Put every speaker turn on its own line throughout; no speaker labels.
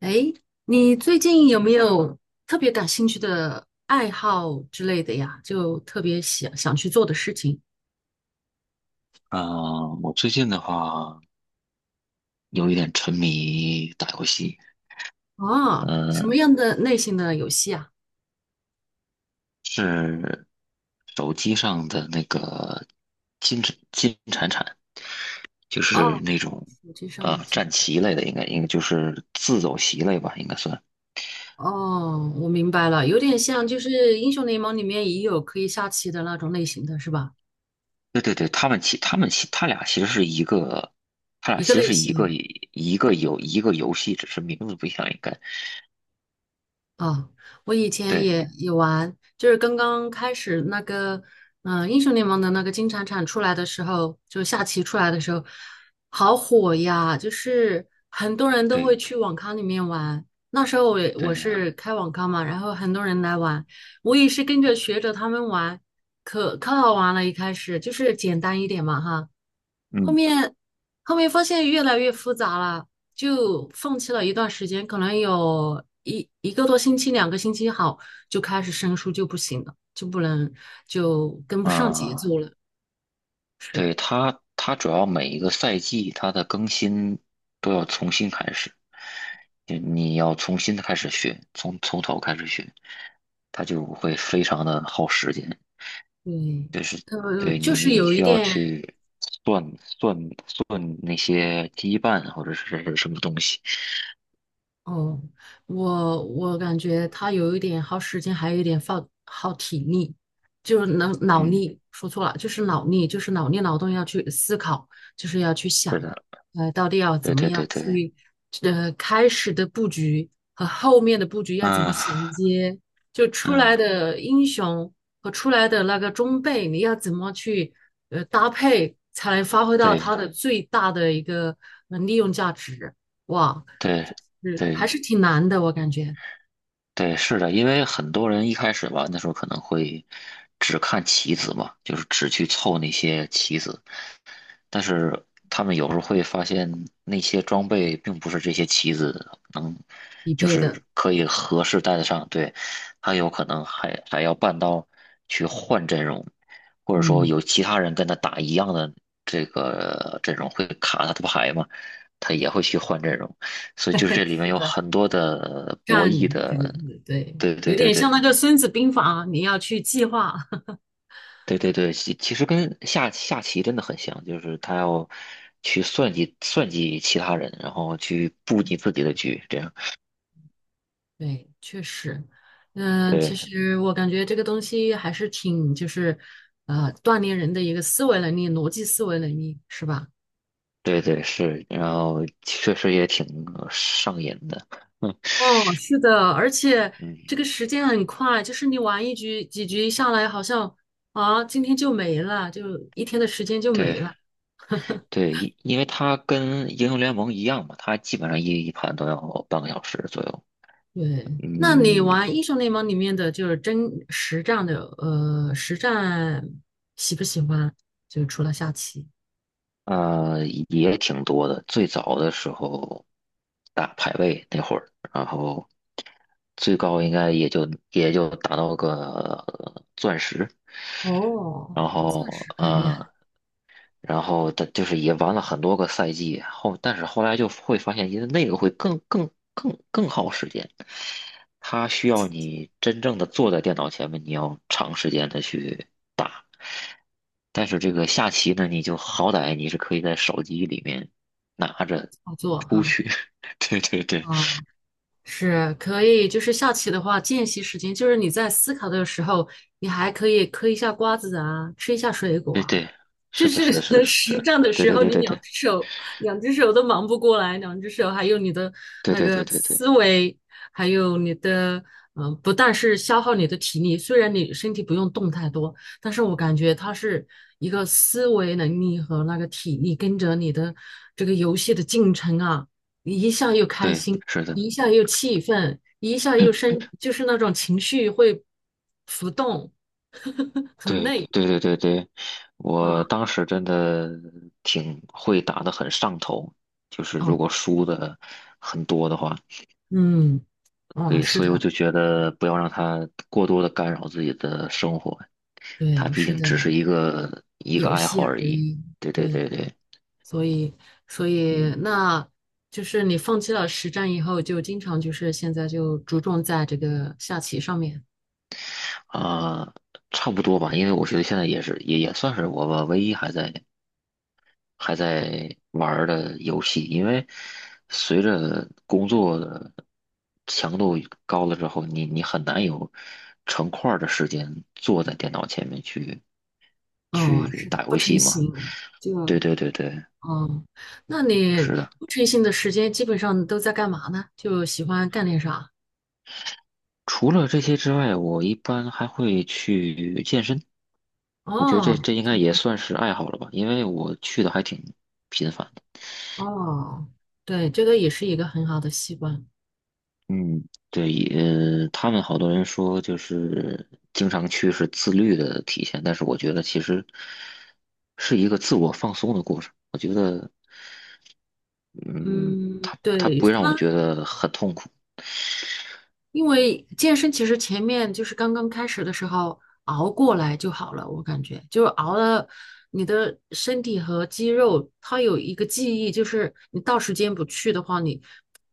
哎，你最近有没有特别感兴趣的爱好之类的呀？就特别想去做的事情
嗯，我最近的话有一点沉迷打游戏。
啊？什
嗯，
么样的类型的游戏啊？
是手机上的那个金铲铲，就是
哦，
那种
手机上的
战
竞技。
棋类的，应该就是自走棋类吧，应该算。
哦，我明白了，有点像就是英雄联盟里面也有可以下棋的那种类型的是吧？
对对对，他俩其实是一个，他俩
一个
其实
类
是一个
型。
一个游戏，只是名字不一样，应该。
哦，我以前
对
也玩，就是刚刚开始那个，英雄联盟的那个金铲铲出来的时候，就下棋出来的时候，好火呀！就是很多人都会
对
去网咖里面玩。那时候我也
对
我
的。
是开网咖嘛，然后很多人来玩，我也是跟着学着他们玩，可好玩了。一开始就是简单一点嘛，哈。后
嗯
面后面发现越来越复杂了，就放弃了一段时间，可能有一个多星期、两个星期好，就开始生疏就不行了，就跟不上节
啊。
奏
呃
了。是，
对，它主要每一个赛季它的更新都要重新开始，就你要重新的开始学，从头开始学，它就会非常的耗时间。
对，
对，
就
你，
是
你
有一
需要
点，
去算算算那些羁绊或者是什么东西。
哦，我感觉他有一点耗时间，还有一点耗体力，就是能脑
嗯，
力，说错了，就是脑力，就是脑力劳动要去思考，就是要去
是
想，
的，
到底要
对
怎么
对对
样
对，
去，开始的布局和后面的布局要怎么
嗯
衔接，就出来
嗯，
的英雄和出来的那个装备，你要怎么去搭配，才能发挥到它
对
的最大的一个利用价值。哇，
对
是还
对
是挺难的，我感觉
对，是的，因为很多人一开始玩的时候可能会只看棋子嘛，就是只去凑那些棋子，但是他们有时候会发现那些装备并不是这些棋子能，
一
就
倍的。
是可以合适带得上。对，他有可能还要办到去换阵容，或者说
嗯，
有其他人跟他打一样的这个阵容会卡他的牌嘛，他也会去换阵容。所以就是这里面
是
有
的，
很多的博
战
弈
这个
的。
字，对，
对对
有
对
点像
对，
那个《孙子兵法》，你要去计划。
对对对，其实跟下棋真的很像，就是他要去算计算计其他人，然后去布你自己的局，这样。
对，确实，嗯，其
对
实我感觉这个东西还是挺，就是锻炼人的一个思维能力、逻辑思维能力，是吧？
对对，是，然后确实也挺上瘾的。嗯
哦，是的，而且
嗯，
这个时间很快，就是你玩一局几局下来，好像啊，今天就没了，就一天的时间就没
对
了。
对，因为它跟英雄联盟一样嘛，它基本上一盘都要半个小时左右。
对，那你
嗯，
玩英雄联盟里面的就是真实战的，实战喜不喜欢？就除了下棋，
也挺多的。最早的时候打排位那会儿，然后最高应该也就打到个钻石。
哦，
然
钻
后
石肯定很
的就是也玩了很多个赛季后，但是后来就会发现，因为那个会更耗时间，它需要你真正的坐在电脑前面，你要长时间的去打。但是这个下棋呢，你就好歹你是可以在手机里面拿着
操作
出
哈。
去。对对对
啊，是可以，就是下棋的话，间隙时间就是你在思考的时候，你还可以嗑一下瓜子啊，吃一下水果
对
啊，
对，
就
是的，
是
是的，是的，是
实
的，
战的
对
时
对
候，
对
你
对
两
对
只手两只手都忙不过来，两只手还有你的
对
那
对
个
对对对
思维，还有你的不但是消耗你的体力，虽然你身体不用动太多，但是我感觉它是一个思维能力和那个体力跟着你的这个游戏的进程啊，你一下又开
对，
心，
是的，
一下又气愤，一下又生，就是那种情绪会浮动，很
对
累，
对对对对，我
嗯。
当时真的挺会打的，很上头，就是如
哦，
果输的很多的话，
嗯，
所
哦，
以
是
所以我
的，
就觉得不要让它过多的干扰自己的生活，它
对，
毕
是
竟
的，
只是一个
游
爱
戏
好而
而
已。
已，
对对
对，
对对。
所以，所以，
嗯
那就是你放弃了实战以后，就经常就是现在就着重在这个下棋上面。
啊，差不多吧，因为我觉得现在也算是我吧唯一还在玩儿的游戏，因为随着工作的强度高了之后，你很难有成块儿的时间坐在电脑前面去
哦，
去
是的，
打
不
游
成
戏嘛。
形，就，
对对对对，
哦，那你
是的。
不成形的时间基本上都在干嘛呢？就喜欢干点啥？
除了这些之外，我一般还会去健身。我觉得这
哦，
这应该也算是爱好了吧，因为我去的还挺频繁。
哦，对，这个也是一个很好的习惯。
嗯，对，他们好多人说就是经常去是自律的体现，但是我觉得其实是一个自我放松的过程。我觉得，嗯，
嗯，
他
对，
不会让我
他。
觉得很痛苦。
因为健身其实前面就是刚刚开始的时候熬过来就好了，我感觉就是熬了，你的身体和肌肉它有一个记忆，就是你到时间不去的话，你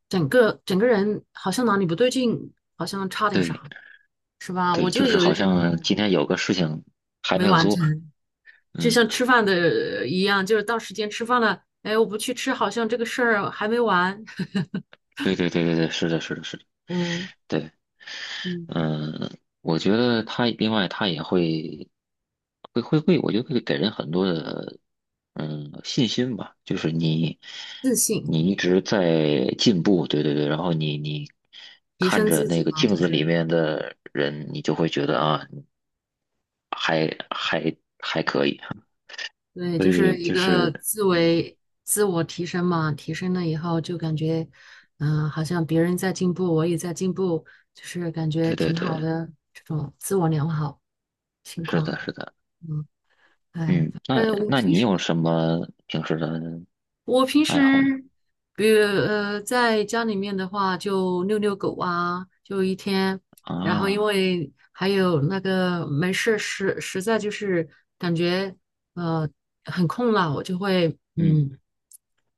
整个人好像哪里不对劲，好像差点
对
啥，是吧？
对，
我就
就是
有一
好
这
像
种
今天有个事情还
没
没有
完成，
做。
就像
嗯，
吃饭的一样，就是到时间吃饭了，哎，我不去吃，好像这个事儿还没完。
对对对对对，是的，是的，是的，
嗯，
对。
嗯，
嗯，我觉得他另外他也会，我觉得会给人很多的信心吧，就是你
自信，
你一直在进步。对对对，然后你
提
看
升
着
自
那
己
个
嘛，
镜
就
子里
是。
面的人，你就会觉得啊。还还
对，
所
就是
以
一
就
个
是
自为自我提升嘛，提升了以后就感觉，好像别人在进步，我也在进步，就是感觉
对对
挺
对，
好的这种自我良好情
是
况。
的，是的，
嗯，哎，
嗯，
反
那
正我
那
平
你
时
有什么平时的
我平时，
爱好吗？
比如在家里面的话，就遛遛狗啊，就一天，然后因
啊，
为还有那个没事实实在就是感觉呃很空了，我就会
嗯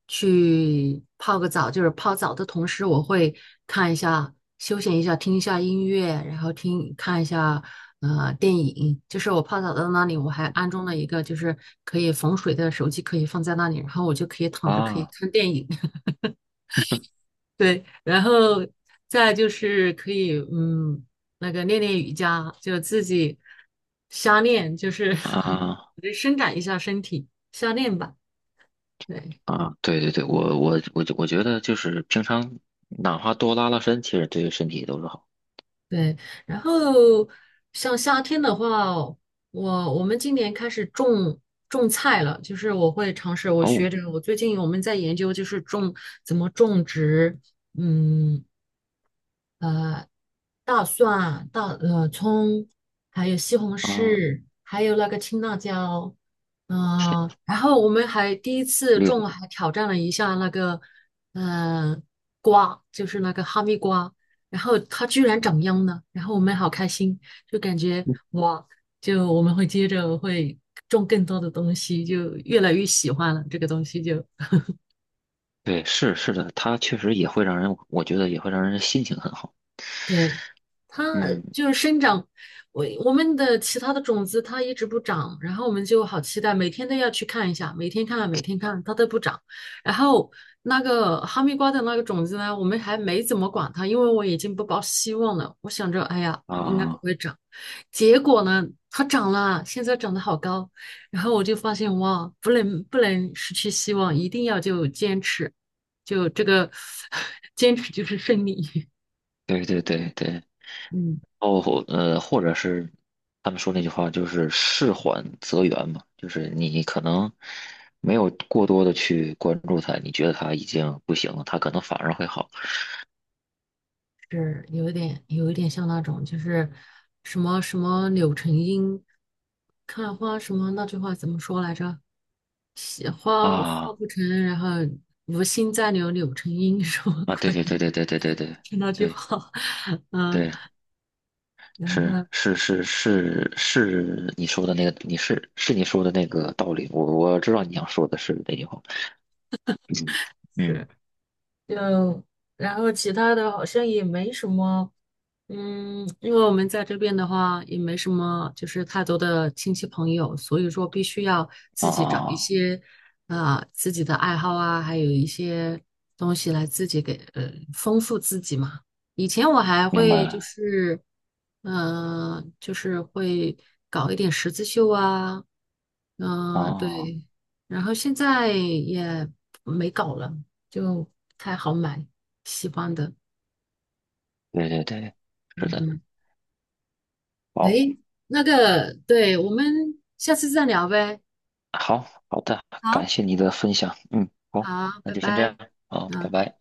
去泡个澡，就是泡澡的同时，我会看一下休闲一下，听一下音乐，然后听看一下电影。就是我泡澡的那里，我还安装了一个就是可以防水的手机，可以放在那里，然后我就可以躺着可以
啊
看电影。对，然后再就是可以，嗯，那个练练瑜伽，就自己瞎练，就是
啊。
就伸展一下身体，瞎练吧。对
啊，对对对，我觉得就是平常哪怕多拉拉伸，其实对身体都是好。
对，然后像夏天的话，我们今年开始种菜了，就是我会尝试，我学
哦，
着，我最近我们在研究，就是种怎么种植，嗯，大蒜、大葱，还有西红
啊，
柿，还有那个青辣椒，
天，
然后我们还第一次
厉害！
种，还挑战了一下那个，呃，瓜，就是那个哈密瓜，然后它居然长秧了，然后我们好开心，就感觉
嗯，
哇，就我们会接着会种更多的东西，就越来越喜欢了这个东西就。
对，是的，它确实也会让人，我觉得也会让人心情很好。
对，它
嗯
就是生长，我们的其他的种子它一直不长，然后我们就好期待，每天都要去看一下，每天看，每天看，它都不长。然后那个哈密瓜的那个种子呢，我们还没怎么管它，因为我已经不抱希望了。我想着，哎呀，应该不
啊，
会长。结果呢，它长了，现在长得好高。然后我就发现，哇，不能失去希望，一定要就坚持，就这个 坚持就是胜利。
对对对对，
嗯。
哦,或者是他们说那句话就是"事缓则圆"嘛，就是你可能没有过多的去关注它，你觉得他已经不行了，他可能反而会好
是有一点像那种，就是什么什么柳成荫看花什么那句话怎么说来着？喜花花
啊
不成，然后无心再留柳成荫 什么
啊！对
鬼？
对对对对对对对
就那句
对。
话，嗯，
对，
然
是
后。
是是是是，你说的那个，你是是你说的那个道理，我知道你想说的是那句话。嗯嗯
就然后其他的好像也没什么，嗯，因为我们在这边的话也没什么，就是太多的亲戚朋友，所以说必须要
啊，
自己找一
啊
些，自己的爱好啊，还有一些东西来自己给丰富自己嘛。以前我还
明白
会就
了
是，就是会搞一点十字绣啊，
啊，
对，然后现在也没搞了。就不太好买喜欢的。
对对对，是
嗯，
的，
嗯，
好，
诶，那个，对，我们下次再聊呗。
好好的，感
好。
谢你的分享，嗯，好，
好，
那
拜
就先这样，
拜。
好，拜
嗯。
拜。